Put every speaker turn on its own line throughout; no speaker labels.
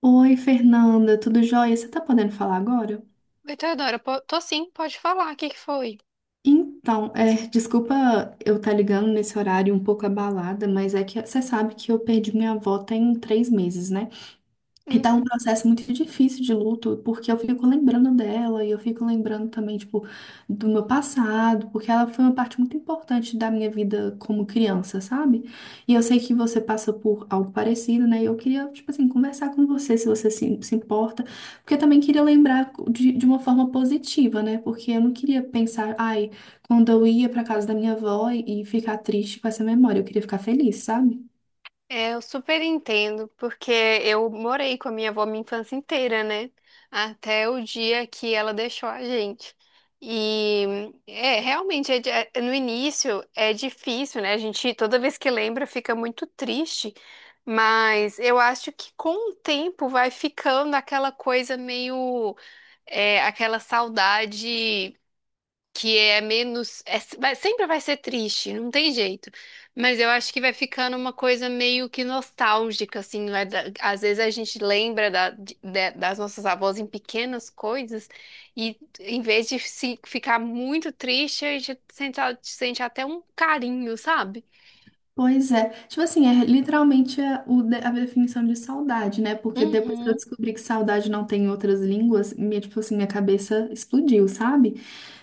Oi, Fernanda, tudo jóia? Você tá podendo falar agora?
Oi, Teodora, tô sim, pode falar, o que que foi?
Então, desculpa eu estar ligando nesse horário um pouco abalada, mas é que você sabe que eu perdi minha avó tem 3 meses, né? E tá um
Uhum.
processo muito difícil de luto, porque eu fico lembrando dela e eu fico lembrando também, tipo, do meu passado, porque ela foi uma parte muito importante da minha vida como criança, sabe? E eu sei que você passa por algo parecido, né? E eu queria, tipo assim, conversar com você, se você se importa, porque eu também queria lembrar de uma forma positiva, né? Porque eu não queria pensar, ai, quando eu ia pra casa da minha avó e ficar triste com essa memória, eu queria ficar feliz, sabe?
É, eu super entendo, porque eu morei com a minha avó minha infância inteira, né? Até o dia que ela deixou a gente. E realmente, no início é difícil, né? A gente, toda vez que lembra, fica muito triste, mas eu acho que com o tempo vai ficando aquela coisa aquela saudade. Que é menos, sempre vai ser triste, não tem jeito. Mas eu acho que vai ficando uma coisa meio que nostálgica, assim, às vezes a gente lembra das nossas avós em pequenas coisas e em vez de se ficar muito triste, a gente sente até um carinho, sabe?
Pois é. Tipo assim, é literalmente a definição de saudade, né? Porque depois que eu
Uhum,
descobri que saudade não tem em outras línguas, minha, tipo assim, minha cabeça explodiu, sabe?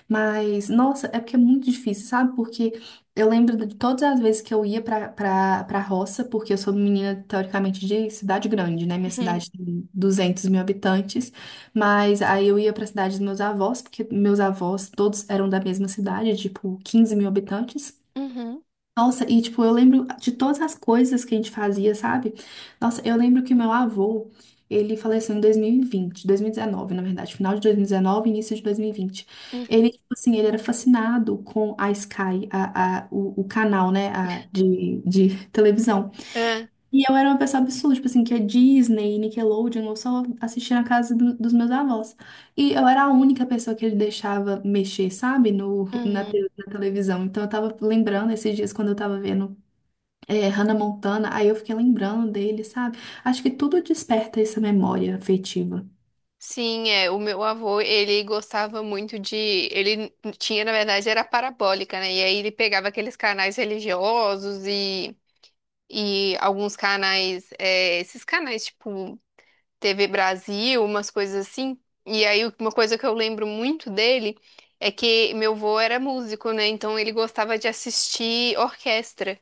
Mas, nossa, é porque é muito difícil, sabe? Porque eu lembro de todas as vezes que eu ia pra roça, porque eu sou menina, teoricamente, de cidade grande, né? Minha
uhum,
cidade tem 200 mil habitantes, mas aí eu ia pra cidade dos meus avós, porque meus avós todos eram da mesma cidade, tipo, 15 mil habitantes.
uhum.
Nossa, e tipo, eu lembro de todas as coisas que a gente fazia, sabe? Nossa, eu lembro que meu avô, ele faleceu em 2020, 2019, na verdade, final de 2019, início de 2020. Ele,
Uhum.
tipo assim, ele era fascinado com a Sky, o canal, né, de televisão.
É.
E eu era uma pessoa absurda, tipo assim, que a Disney, Nickelodeon, eu só assistia na casa dos meus avós. E eu era a única pessoa que ele deixava mexer, sabe, no, na,
Uhum.
te- na televisão. Então eu tava lembrando esses dias quando eu tava vendo Hannah Montana, aí eu fiquei lembrando dele, sabe? Acho que tudo desperta essa memória afetiva.
Sim, é, o meu avô, ele ele tinha, na verdade, era parabólica, né? E aí ele pegava aqueles canais religiosos e alguns canais, é, esses canais tipo TV Brasil, umas coisas assim. E aí uma coisa que eu lembro muito dele é que meu avô era músico, né? Então ele gostava de assistir orquestra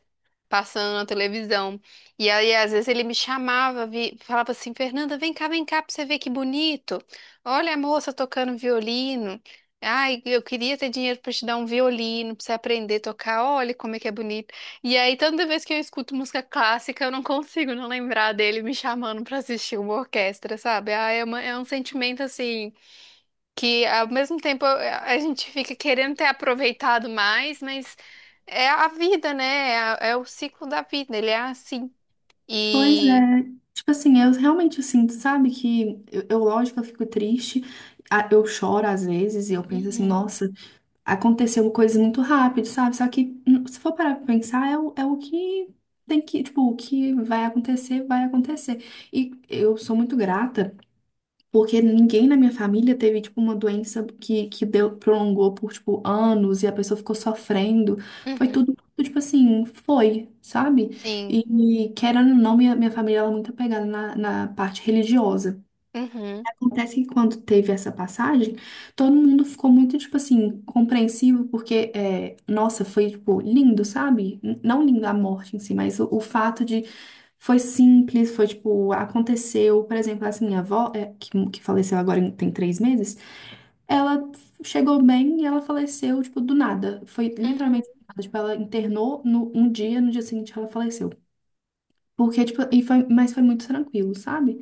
passando na televisão. E aí, às vezes, ele me chamava, falava assim, Fernanda, vem cá, pra você ver que bonito. Olha a moça tocando violino. Ai, eu queria ter dinheiro pra te dar um violino, pra você aprender a tocar. Olha como é que é bonito. E aí, toda vez que eu escuto música clássica, eu não consigo não lembrar dele me chamando pra assistir uma orquestra, sabe? Ah, é um sentimento, assim, que ao mesmo tempo a gente fica querendo ter aproveitado mais, mas é a vida, né? É, é o ciclo da vida, ele é assim.
Pois
E
é. Tipo assim, eu realmente sinto, sabe, que eu, lógico, eu fico triste, eu choro às vezes e eu penso assim,
uhum,
nossa. Aconteceu coisas muito rápido, sabe? Só que se for parar pra pensar, é o que tem que, tipo, o que vai acontecer, vai acontecer. E eu sou muito grata, porque ninguém na minha família teve, tipo, uma doença que deu, prolongou por, tipo, anos e a pessoa ficou sofrendo. Foi
uhum,
tudo, tipo assim, foi, sabe?
sim,
E querendo ou não, minha família ela é muito apegada na parte religiosa.
uhum,
Acontece que quando teve essa passagem, todo mundo ficou muito, tipo assim, compreensivo, porque, nossa, foi, tipo, lindo, sabe? Não lindo a morte em si, mas o fato de. Foi simples, foi, tipo, aconteceu. Por exemplo, assim, minha avó, que faleceu agora tem 3 meses, ela chegou bem e ela faleceu, tipo, do nada. Foi
uhum,
literalmente do nada. Tipo, ela internou um dia, no dia seguinte ela faleceu. Porque, tipo, e foi, mas foi muito tranquilo, sabe?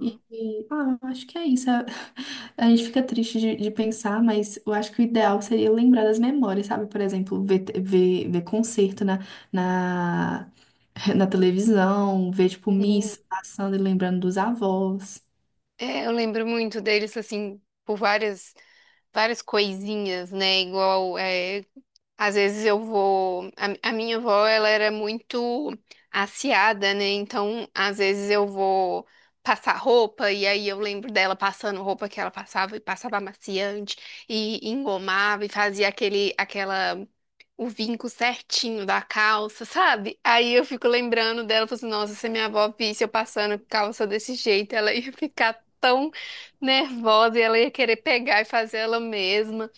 E, e, ah, eu acho que é isso. A a gente fica triste de pensar, mas eu acho que o ideal seria lembrar das memórias, sabe? Por exemplo, ver concerto na, na televisão, ver, tipo,
Sim.
missa passando e lembrando dos avós.
É, eu lembro muito deles assim por várias várias coisinhas, né? Igual é, às vezes eu vou. A minha avó, ela era muito aciada, né? Então, às vezes eu vou passar roupa e aí eu lembro dela passando roupa que ela passava e passava amaciante e engomava e fazia aquela o vinco certinho da calça, sabe? Aí eu fico lembrando dela, falando assim, nossa, se minha avó visse eu passando calça desse jeito, ela ia ficar tão nervosa e ela ia querer pegar e fazer ela mesma.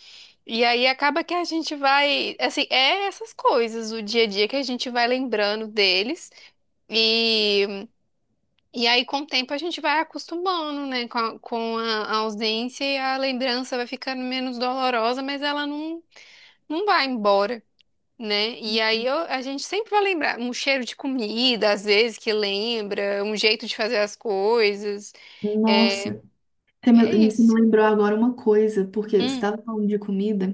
E aí acaba que a gente vai, assim, é essas coisas, o dia a dia que a gente vai lembrando deles. E, e aí, com o tempo, a gente vai acostumando, né? A ausência e a lembrança vai ficando menos dolorosa, mas ela não, não vai embora, né? E a gente sempre vai lembrar um cheiro de comida, às vezes, que lembra, um jeito de fazer as coisas. É,
Nossa, você
é
me, você me
isso.
lembrou agora uma coisa, porque você
Hum,
estava falando de comida,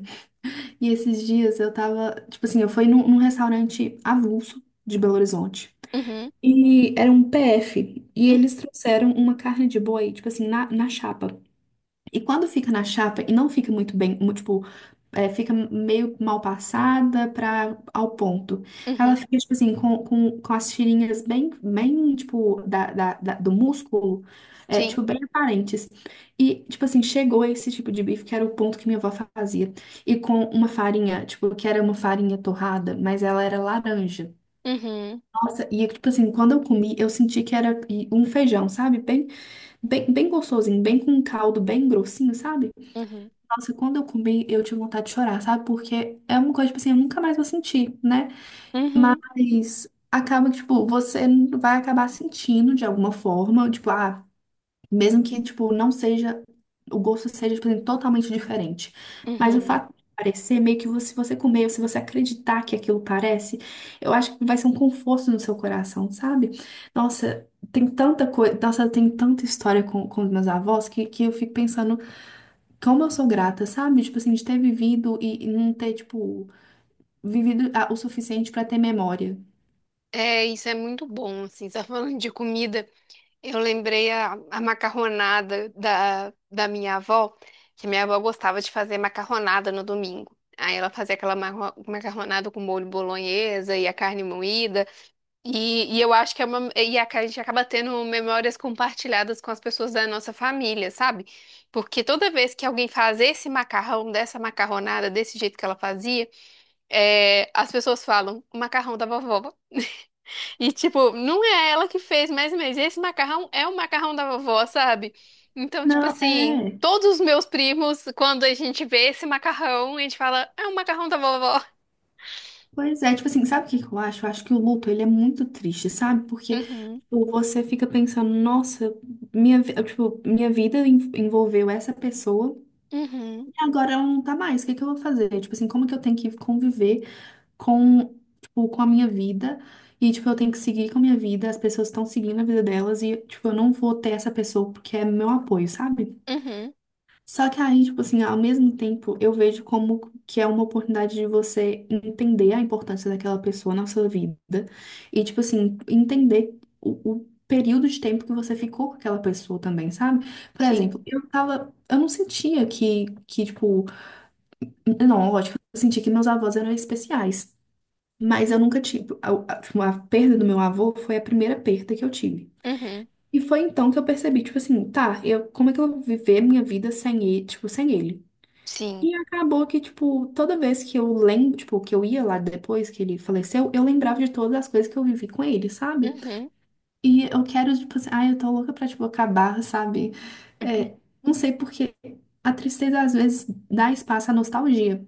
e esses dias eu tava, tipo assim, eu fui num restaurante avulso de Belo Horizonte.
uhum,
E era um PF. E
uhum,
eles trouxeram uma carne de boi, tipo assim, na chapa. E quando fica na chapa e não fica muito bem, tipo, fica meio mal passada ao ponto. Ela
uhum,
fica, tipo assim, com as tirinhas bem tipo, do músculo,
sim.
tipo, bem aparentes. E, tipo assim, chegou esse tipo de bife, que era o ponto que minha avó fazia. E com uma farinha, tipo, que era uma farinha torrada, mas ela era laranja.
Uhum,
Nossa, e tipo assim, quando eu comi, eu senti que era um feijão, sabe? Bem, bem, bem gostosinho, bem com um caldo, bem grossinho, sabe?
uhum,
Nossa, quando eu comi, eu tive vontade de chorar, sabe? Porque é uma coisa, tipo assim, eu nunca mais vou sentir, né?
uhum.
Mas acaba que, tipo, você vai acabar sentindo de alguma forma, tipo, ah. Mesmo que, tipo, não seja, o gosto seja, tipo, assim, totalmente diferente. Mas o
Uhum.
fato de parecer, meio que se você comer, ou se você acreditar que aquilo parece, eu acho que vai ser um conforto no seu coração, sabe? Nossa, tem tanta coisa, nossa, tem tanta história com os meus avós que eu fico pensando como eu sou grata, sabe? Tipo assim, de ter vivido e não ter, tipo, vivido o suficiente pra ter memória.
É, isso é muito bom, assim, só falando de comida, eu lembrei a macarronada da minha avó, que minha avó gostava de fazer macarronada no domingo. Aí ela fazia aquela macarronada com molho bolonhesa e a carne moída, e eu acho que a gente acaba tendo memórias compartilhadas com as pessoas da nossa família, sabe? Porque toda vez que alguém faz esse macarrão, dessa macarronada, desse jeito que ela fazia, é, as pessoas falam, o macarrão da vovó. E, tipo, não é ela que fez, mas esse macarrão é o macarrão da vovó, sabe? Então, tipo
Não,
assim,
é.
todos os meus primos, quando a gente vê esse macarrão, a gente fala, é o macarrão da vovó.
Pois é, tipo assim, sabe o que que eu acho? Eu acho que o luto, ele é muito triste, sabe? Porque
Uhum,
tipo, você fica pensando, nossa, minha, tipo, minha vida envolveu essa pessoa
uhum,
e agora ela não tá mais, o que que eu vou fazer? Tipo assim, como que eu tenho que conviver com, tipo, com a minha vida e, tipo, eu tenho que seguir com a minha vida, as pessoas estão seguindo a vida delas e, tipo, eu não vou ter essa pessoa porque é meu apoio, sabe?
uhum,
Só que aí, tipo assim, ao mesmo tempo, eu vejo como que é uma oportunidade de você entender a importância daquela pessoa na sua vida e, tipo assim, entender o período de tempo que você ficou com aquela pessoa também, sabe? Por
sim,
exemplo, eu não sentia que tipo, não, lógico, eu sentia que meus avós eram especiais, mas eu nunca tive, a tipo, a perda do meu avô foi a primeira perda que eu tive.
uhum,
E foi então que eu percebi, tipo assim, tá, como é que eu vou viver minha vida sem ele, tipo, sem ele?
sim,
E acabou que, tipo, toda vez que eu lembro, tipo, que eu ia lá depois que ele faleceu, eu lembrava de todas as coisas que eu vivi com ele, sabe?
uhum,
E eu quero, tipo assim, ai, eu tô louca pra, tipo, acabar, sabe?
uhum.
É, não sei porque a tristeza às vezes dá espaço à nostalgia.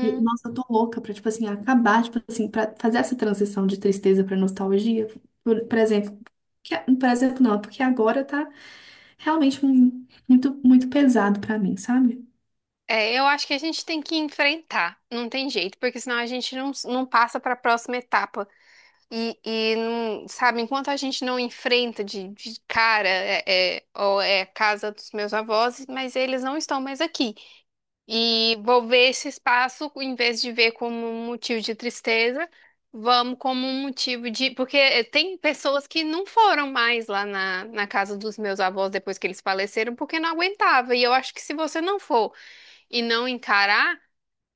E, nossa, eu tô louca pra, tipo assim, acabar, tipo assim, pra fazer essa transição de tristeza pra nostalgia, por exemplo. Que, por exemplo, não, é porque agora tá realmente muito, muito pesado pra mim, sabe?
É, eu acho que a gente tem que enfrentar, não tem jeito, porque senão a gente não passa para a próxima etapa. E não, Sabe, enquanto a gente não enfrenta de cara, é, é, ó, é a casa dos meus avós, mas eles não estão mais aqui. E vou ver esse espaço, em vez de ver como um motivo de tristeza, vamos como um motivo de. Porque eh, tem pessoas que não foram mais lá na casa dos meus avós depois que eles faleceram, porque não aguentava. E eu acho que se você não for e não encarar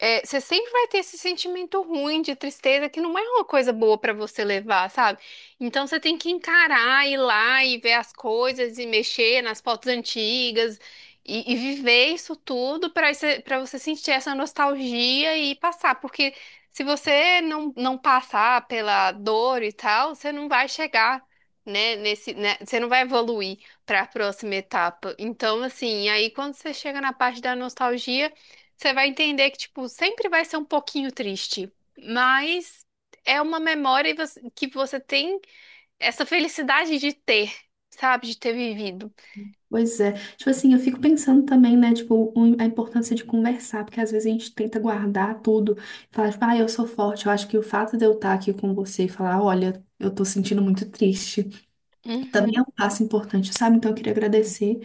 é, você sempre vai ter esse sentimento ruim de tristeza que não é uma coisa boa pra você levar, sabe? Então você tem que encarar, ir lá e ver as coisas e mexer nas fotos antigas e viver isso tudo para você sentir essa nostalgia e passar, porque se você não passar pela dor e tal, você não vai chegar. Você não vai evoluir para a próxima etapa. Então, assim, aí quando você chega na parte da nostalgia, você vai entender que, tipo, sempre vai ser um pouquinho triste, mas é uma memória e que você tem essa felicidade de ter, sabe? De ter vivido.
Pois é. Tipo assim, eu fico pensando também, né, tipo, a importância de conversar, porque às vezes a gente tenta guardar tudo, falar, tipo, ah, eu sou forte. Eu acho que o fato de eu estar aqui com você e falar, olha, eu tô sentindo muito triste, também é
Uhum.
um passo importante, sabe? Então eu queria agradecer.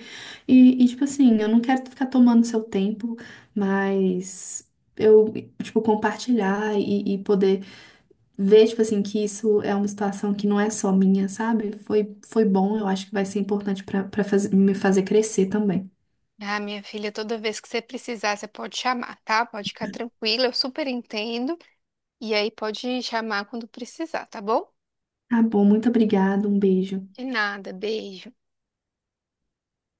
E, tipo assim, eu não quero ficar tomando seu tempo, mas eu, tipo, compartilhar e poder ver, tipo assim, que isso é uma situação que não é só minha, sabe? Foi bom, eu acho que vai ser importante para me fazer crescer também.
Ah, minha filha, toda vez que você precisar, você pode chamar, tá? Pode ficar tranquila, eu super entendo. E aí pode chamar quando precisar, tá bom?
Tá bom, muito obrigada. Um beijo.
De nada, beijo.